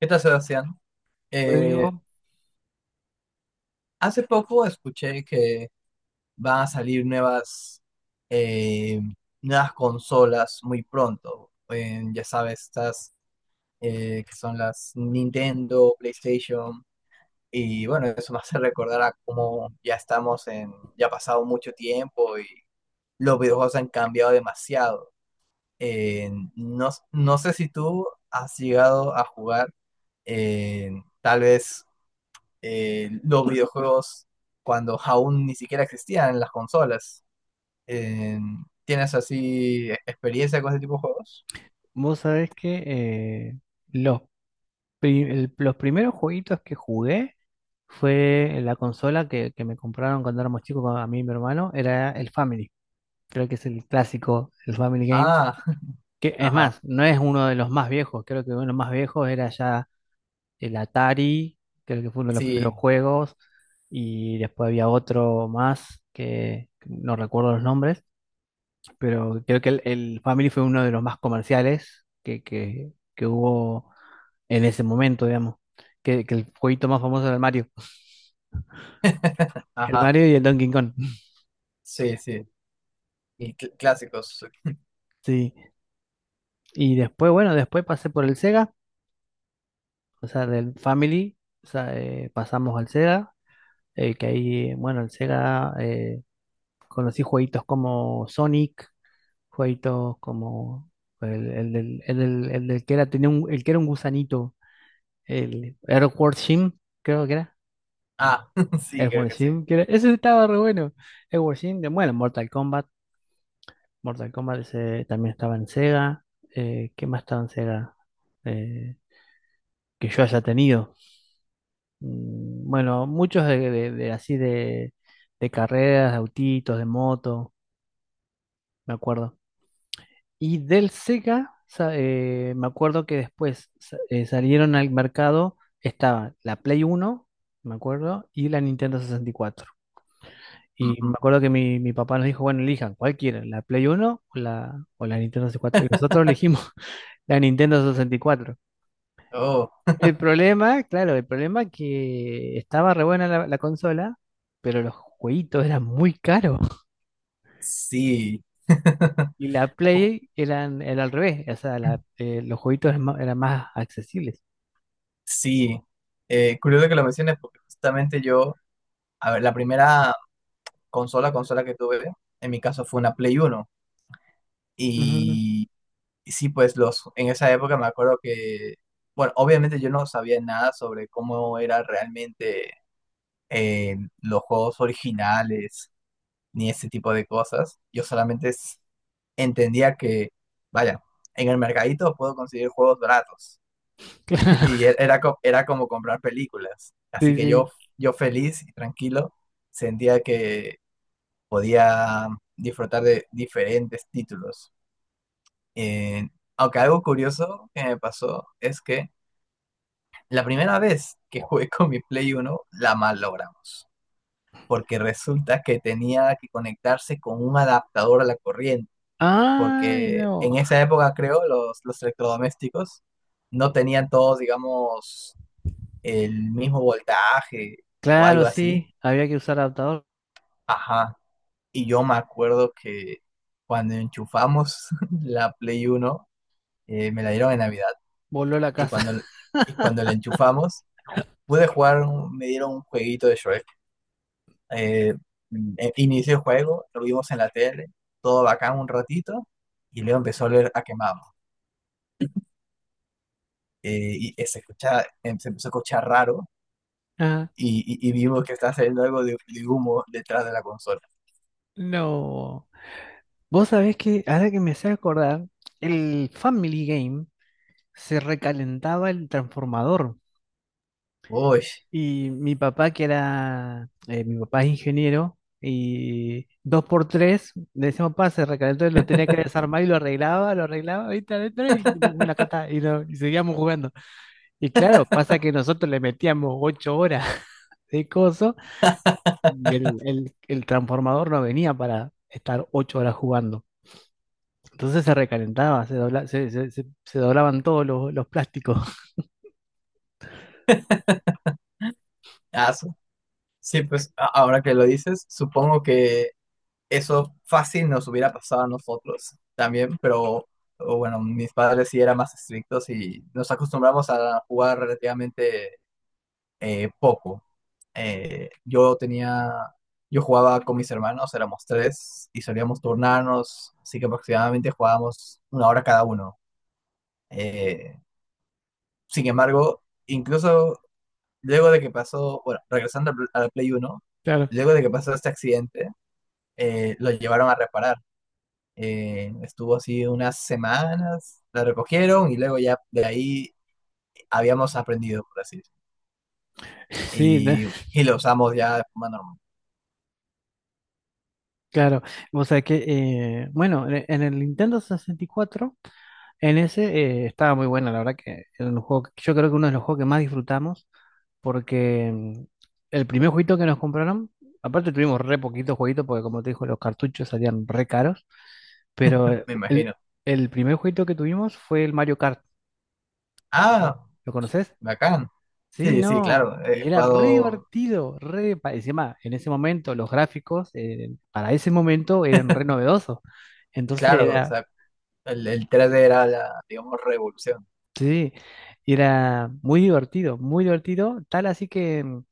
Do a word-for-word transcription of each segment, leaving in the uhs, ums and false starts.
¿Qué tal, Sebastián? Eh, Rodrigo, Hace poco escuché que van a salir nuevas, eh, nuevas consolas muy pronto. En, ya sabes, estas eh, que son las Nintendo, PlayStation. Y bueno, eso me hace recordar a cómo ya estamos en, ya ha pasado mucho tiempo y los videojuegos han cambiado demasiado. Eh, no, no sé si tú has llegado a jugar eh, tal vez eh, los videojuegos cuando aún ni siquiera existían las consolas. Eh, ¿tienes así e- experiencia con ese tipo de juegos? vos sabés que eh, los, pri- el- los primeros jueguitos que jugué fue en la consola que, que me compraron cuando éramos chicos con- a mí y mi hermano, era el Family. Creo que es el clásico, el Family Game. Ah, Que es ajá, más, no es uno de los más viejos, creo que uno de los más viejos era ya el Atari, creo que fue uno de los primeros sí, juegos, y después había otro más que no recuerdo los nombres pero creo que el, el Family fue uno de los más comerciales que, que, que hubo en ese momento, digamos. Que, que el jueguito más famoso era el Mario. El ajá, Mario y el Donkey Kong. sí, sí. Y cl- clásicos. Sí. Y después, bueno, después pasé por el Sega, o sea, del Family, o sea, eh, pasamos al Sega, eh, que ahí, bueno, el Sega eh, conocí jueguitos como Sonic, jueguitos como el, el, del- el del- el del que era, tenía un, el que era un gusanito, el Earthworm Jim, creo que era. Ah, sí, creo Edward que sí. Sheen, que era- ese estaba re bueno. Edward Sheen, de, bueno, Mortal Kombat. Mortal Kombat ese también estaba en Sega. Eh, ¿qué más estaba en Sega? Eh, que yo haya tenido. Mm, Bueno, muchos de, de- de así de, de carreras, de autitos, de moto, me acuerdo. Y del Sega, sa- eh, me acuerdo que después sa- eh, salieron al mercado, estaba la Play uno me acuerdo, y la Nintendo sesenta y cuatro. Y me Ujú. acuerdo que mi, mi papá nos dijo, bueno, elijan, ¿cuál quieren? ¿La Play uno o la, o la Nintendo sesenta y cuatro? ¿Y cuatro? Y nosotros elegimos la Nintendo sesenta y cuatro. Oh, El problema, claro, el problema es que estaba re buena la, la consola, pero los jueguitos eran muy caros. sí. Y la Uf, Play eran, era al revés, o sea, la- eh, los jueguitos eran más, eran más accesibles. sí. Eh, curioso que lo menciones porque justamente yo, a ver, la primera consola, consola que tuve, en mi caso fue una Play uno. Ujú. y Y sí, pues los, en esa época me acuerdo que, bueno, obviamente yo no sabía nada sobre cómo era realmente eh, los juegos originales ni ese tipo de cosas. Yo solamente s- entendía que, vaya, en el mercadito puedo conseguir juegos baratos. Y Claro, e- era, co- era como comprar películas. Así sí, que sí. yo, yo feliz y tranquilo sentía que podía disfrutar de diferentes títulos. Eh, aunque algo curioso que me pasó es que la primera vez que jugué con mi Play Uno la mal logramos, porque resulta que tenía que conectarse con un adaptador a la corriente, Ay, porque no. en esa época creo los, los electrodomésticos no tenían todos, digamos, el mismo voltaje o algo Claro, así. sí, había que usar adaptador. Ajá. Y yo me acuerdo que cuando enchufamos la Play Uno, eh, me la dieron en Navidad. Voló la y casa. cuando, y cuando la enchufamos, pude jugar, un- me dieron un jueguito de Shrek. Eh, eh, inicié el juego, lo vimos en la tele, todo bacán un ratito, y luego empezó a oler a quemado. Eh, y eh, se escucha, em- se empezó a escuchar raro, Ah, y, y- y vimos que estaba saliendo algo de, de humo detrás de la consola. no. Vos sabés que ahora que me sé acordar, el Family Game se recalentaba el transformador. Uy, Y mi papá, que era, eh, mi papá es ingeniero, y dos por tres, le decíamos, papá, se recalentó, y lo tenía que desarmar y lo arreglaba, lo arreglaba, ahí está adentro, y bueno, acá está, y, no- y seguíamos jugando. Y claro, pasa que nosotros le metíamos ocho horas de coso, y el, el el transformador no venía para estar ocho horas jugando. Entonces se recalentaba, se, dobla- se, se- se- se doblaban todos los, los plásticos. aso. Sí, pues a- ahora que lo dices, supongo que eso fácil nos hubiera pasado a nosotros también, pero o bueno, mis padres sí eran más estrictos y nos acostumbramos a jugar relativamente eh, poco. Eh, yo tenía, yo jugaba con mis hermanos, éramos tres y solíamos turnarnos, así que aproximadamente jugábamos una hora cada uno. Eh, sin embargo, incluso luego de que pasó, bueno, regresando al al Play uno, Claro. luego de que pasó este accidente, eh, lo llevaron a reparar. Eh, estuvo así unas semanas, la recogieron y luego ya de ahí habíamos aprendido, por así decirlo. Sí, de- Y, y lo usamos ya de forma normal. claro. O sea que, eh, bueno, en en el Nintendo sesenta y cuatro, en ese eh, estaba muy bueno, la verdad que era un juego, que- yo creo que uno de los juegos que más disfrutamos, porque mm, el primer jueguito que nos compraron, aparte tuvimos re poquitos jueguitos, porque como te dijo, los cartuchos salían re caros, pero eh, Me el, imagino. el primer jueguito que tuvimos fue el Mario Kart, Ah, ¿lo conoces? bacán. Sí, Sí, sí, no, claro, he y era re jugado, divertido, re, pa- encima, en ese momento los gráficos eh, para ese momento eran re novedosos, entonces claro, o era, sea, el, el tres d era la, digamos, revolución. sí, era muy divertido, muy divertido, tal así que mm,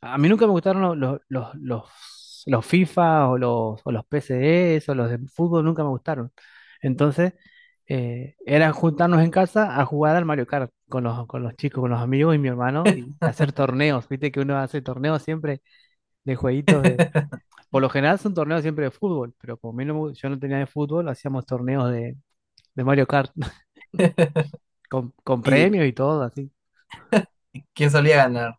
a mí nunca me gustaron lo- lo- los, los, los, FIFA o los, o los P Cs o los de fútbol, nunca me gustaron, entonces eh, era juntarnos en casa a jugar al Mario Kart con los, con los chicos, con los amigos y mi hermano y hacer torneos, viste que uno hace torneos siempre de jueguitos de... Por lo general son torneos siempre de fútbol, pero como a mí no me gu- yo no tenía de fútbol, hacíamos torneos de, de, Mario Kart con, con ¿Y premios y todo, así. quién solía ganar?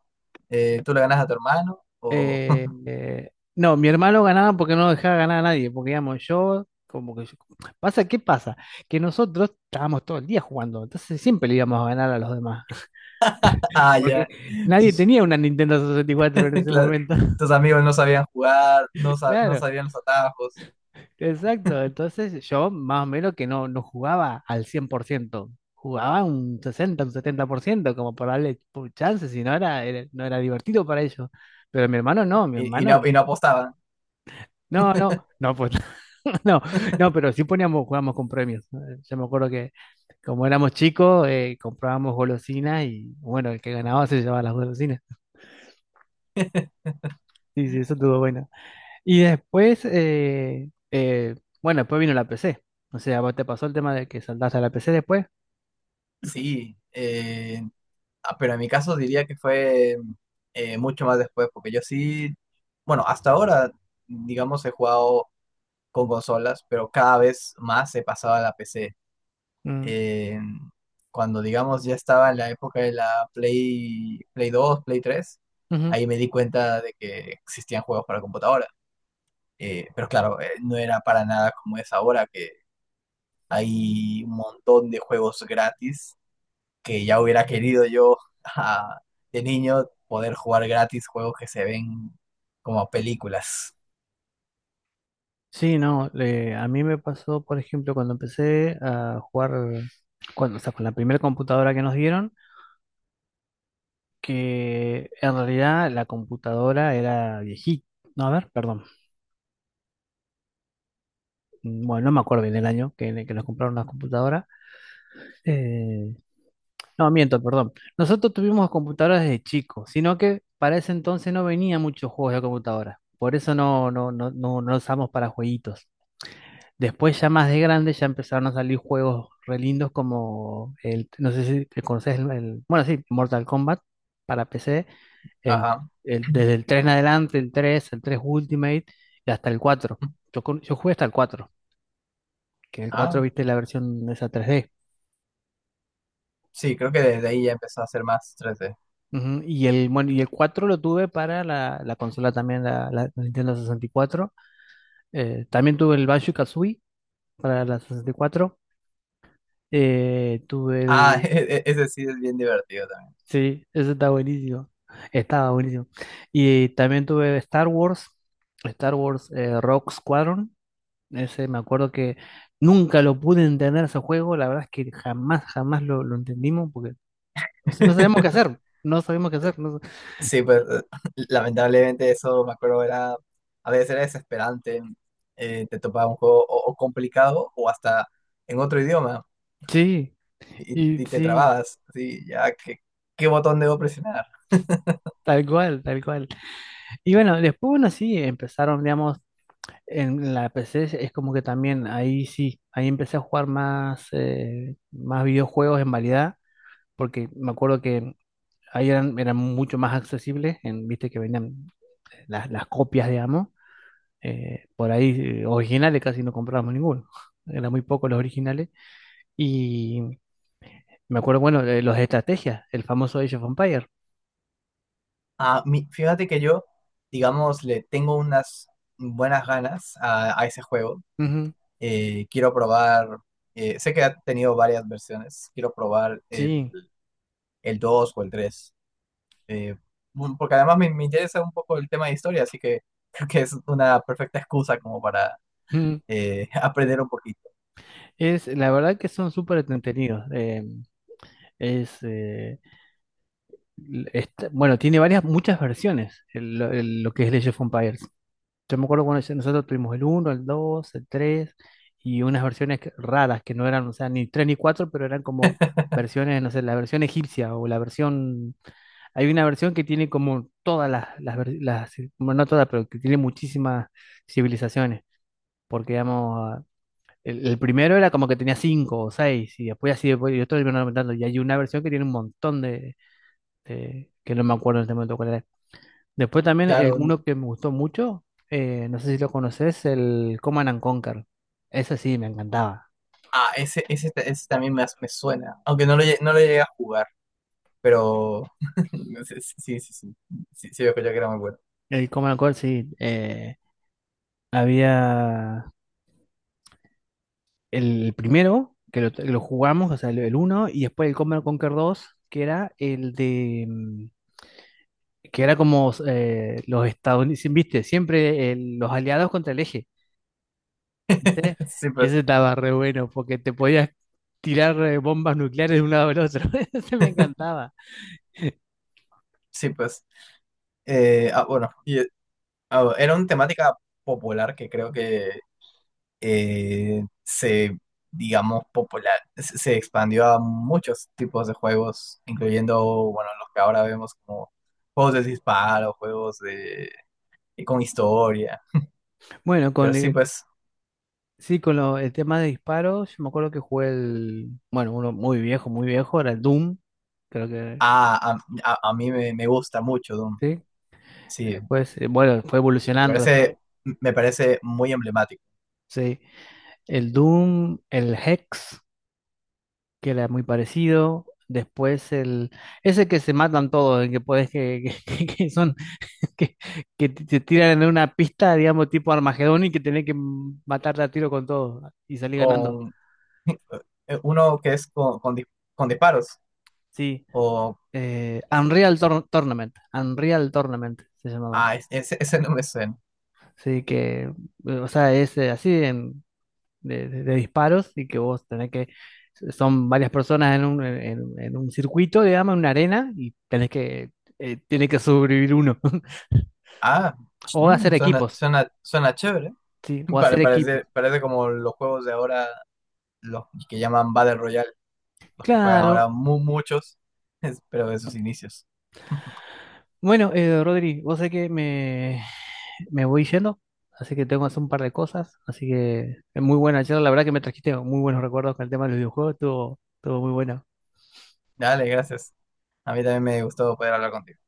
Eh, ¿tú le ganas a tu hermano? O... Eh, eh, no, mi hermano ganaba porque no dejaba ganar a nadie, porque digamos, yo, como que yo- pasa, ¿qué pasa? Que nosotros estábamos todo el día jugando, entonces siempre le íbamos a ganar a los demás, Ah, porque ya. nadie Sus, tenía una Nintendo sesenta y cuatro en ese cla- momento. tus amigos no sabían jugar, no, sa- no Claro. sabían los atajos Exacto, entonces yo más o menos que no, no jugaba al cien por ciento, jugaba un sesenta, un setenta por ciento, como para darle pu- chance, si no era, era- no era divertido para ellos. Pero mi hermano no, mi y, y no, hermano, y no apostaban. no, no, no, pues no, no, pero sí poníamos, jugábamos con premios. Eh, Yo me acuerdo que como éramos chicos, eh, comprábamos golosinas y bueno, el que ganaba se llevaba las golosinas. Sí, sí, eso estuvo bueno. Y después, eh, eh, bueno, después vino la P C. O sea, ¿vos te pasó el tema de que saltaste a la P C después? Sí, eh, ah, pero en mi caso diría que fue eh, mucho más después, porque yo sí, bueno, hasta ahora, digamos, he jugado con consolas, pero cada vez más he pasado a la P C. Mm, Eh, cuando, digamos, ya estaba en la época de la Play, Play dos, Play tres, ujú. ahí me di cuenta de que existían juegos para computadora. Eh, pero claro, eh, no era para nada como es ahora, que hay un montón de juegos gratis que ya hubiera querido yo ah, de niño poder jugar gratis juegos que se ven como películas. Sí, no, le- a mí me pasó, por ejemplo, cuando empecé a jugar, cuando, o sea, con la primera computadora que nos dieron, que en realidad la computadora era viejita, no, a ver, perdón, Mm, bueno, no me acuerdo bien el año que, que nos compraron la computadora. Eh, no, miento, perdón, nosotros tuvimos computadoras desde chicos, sino que para ese entonces no venía muchos juegos de computadora, por eso no, no, no, no, no usamos para jueguitos. Después, ya más de grande, ya empezaron a salir juegos re lindos como el, no sé si te conoces el, el- bueno, sí, Mortal Kombat para P C, el, Ajá. el- desde el tres en adelante, el tres el tres Ultimate y hasta el cuatro. Yo, con- yo jugué hasta el cuatro, que el cuatro Ah, viste la versión esa tres D. sí, creo que desde ahí ya empezó a ser más tres D. Ujú. Y el, bueno, y el cuatro lo tuve para la, la consola también, la, la Nintendo sesenta y cuatro. Eh, también tuve el Banjo-Kazooie para la sesenta y cuatro. Eh, tuve Ah, el e- e- ese sí es bien divertido también. Sí, eso está buenísimo. Estaba buenísimo. Y también tuve Star Wars, Star Wars eh, Rogue Squadron. Ese me acuerdo que nunca lo pude entender ese juego. La verdad es que jamás, jamás lo, lo entendimos porque no, sé- no sabíamos qué hacer. No sabíamos qué hacer. No. Sí, pues eh, lamentablemente eso me acuerdo era, a veces era desesperante, eh, te topaba un juego o, o complicado o hasta en otro idioma Sí, y, y y te sí, trababas, sí, ya, ¿qué, qué botón debo presionar? tal cual, tal cual. Y bueno, después, bueno, sí, empezaron, digamos, en la P C es como que también ahí sí, ahí empecé a jugar más, eh, más videojuegos en variedad porque me acuerdo que ahí eran, eran mucho más accesibles, en, viste que venían eh, las, las copias, digamos, eh, por ahí eh, originales casi no comprábamos ninguno, eran muy pocos los originales, y me acuerdo, bueno, de los de estrategia, el famoso Age of Empires. Ah, mi- fíjate que yo, digamos, le tengo unas buenas ganas a, a ese juego. Ujú, Eh, quiero probar, eh, sé que ha tenido varias versiones, quiero probar el, sí, el dos o el tres, eh, mm, porque además me, me interesa un poco el tema de historia, así que creo que es una perfecta excusa como para ujú. eh, aprender un poquito. Es, la verdad que son súper entretenidos, eh, es, eh, l- está- bueno, tiene varias, muchas versiones, el- lo el- lo que es el Age of Empires. Yo me acuerdo cuando ese- nosotros tuvimos el uno el dos el tres y unas versiones que- raras que no eran, o sea, ni tres ni cuatro pero eran como versiones, no sé, la versión egipcia o la versión... Hay una versión que tiene como todas las, las, ver- las- bueno, no todas, pero que tiene muchísimas civilizaciones, porque digamos, el, el primero era como que tenía cinco o seis y después así, después, y otros iban aumentando y hay una versión que tiene un montón de, de- que no me acuerdo en este momento cuál era. Después también el Claro, n- uno que me gustó mucho, eh, no sé si lo conoces, el Command and Conquer. Ese sí, me encantaba. ah, ese, ese, ta- ese también me, as- me suena, aunque no lo, lle- no lo llegué a jugar, pero sí, sí, sí, sí, sí, sí, veo que yo que era muy bueno. El Command and Conquer, sí. Eh, había el primero, que lo, que lo jugamos, o sea, el, el uno, y después el Command and Conquer dos que era el de... mm, que era como eh, los estadounidenses, viste, siempre el- los aliados contra el eje, viste. Sí, Y pues, ese estaba re bueno, porque te podías tirar eh, bombas nucleares de un lado al otro. Ese me encantaba. sí, pues. Eh, ah, bueno, y, ah, bueno, era una temática popular que creo que eh, se, digamos, popular, se se expandió a muchos tipos de juegos, incluyendo, bueno, los que ahora vemos como juegos de disparo, juegos de, con historia. Bueno, Pero con sí, eh, pues, Sí, con lo- el tema de disparos, yo me acuerdo que jugué el, bueno, uno muy viejo, muy viejo, era el Doom, creo a, que, a, a- a mí me, me gusta mucho Doom. sí, Sí, después, eh, bueno, fue me evolucionando después, parece, me parece muy emblemático. sí, el Doom, el Hex, que era muy parecido, después el, ese que se matan todos, el que puedes, que, que, que son, que, que te te tiran en una pista, digamos, tipo Armagedón y que tenés que matarte a tiro con todo y salir ganando, Con uno que es con, con, dis- con disparos sí, o... eh, Unreal Tour- Tournament, Unreal Tournament se llamaba. Ah, es- ese, ese no me suena. Sí, que, eh, o sea, es eh, así en- de, de- de disparos y que vos tenés que, son varias personas en un, eh, en, en un circuito, digamos, en una arena y tenés que, eh, tiene que sobrevivir uno. Ah, O ch- hacer mm, suena, equipos, suena, suena chévere. sí, o Pare- hacer equipos. parece, parece como los juegos de ahora, los que llaman Battle Royale, los que juegan ahora Claro. mu- muchos, es- pero de sus inicios. Bueno, eh, Rodri, vos sé que me, me voy yendo, así que tengo que hacer un par de cosas, así que es muy buena charla, la verdad que me trajiste muy buenos recuerdos con el tema de los videojuegos, estuvo, estuvo muy bueno. Dale, gracias. A mí también me gustó poder hablar contigo.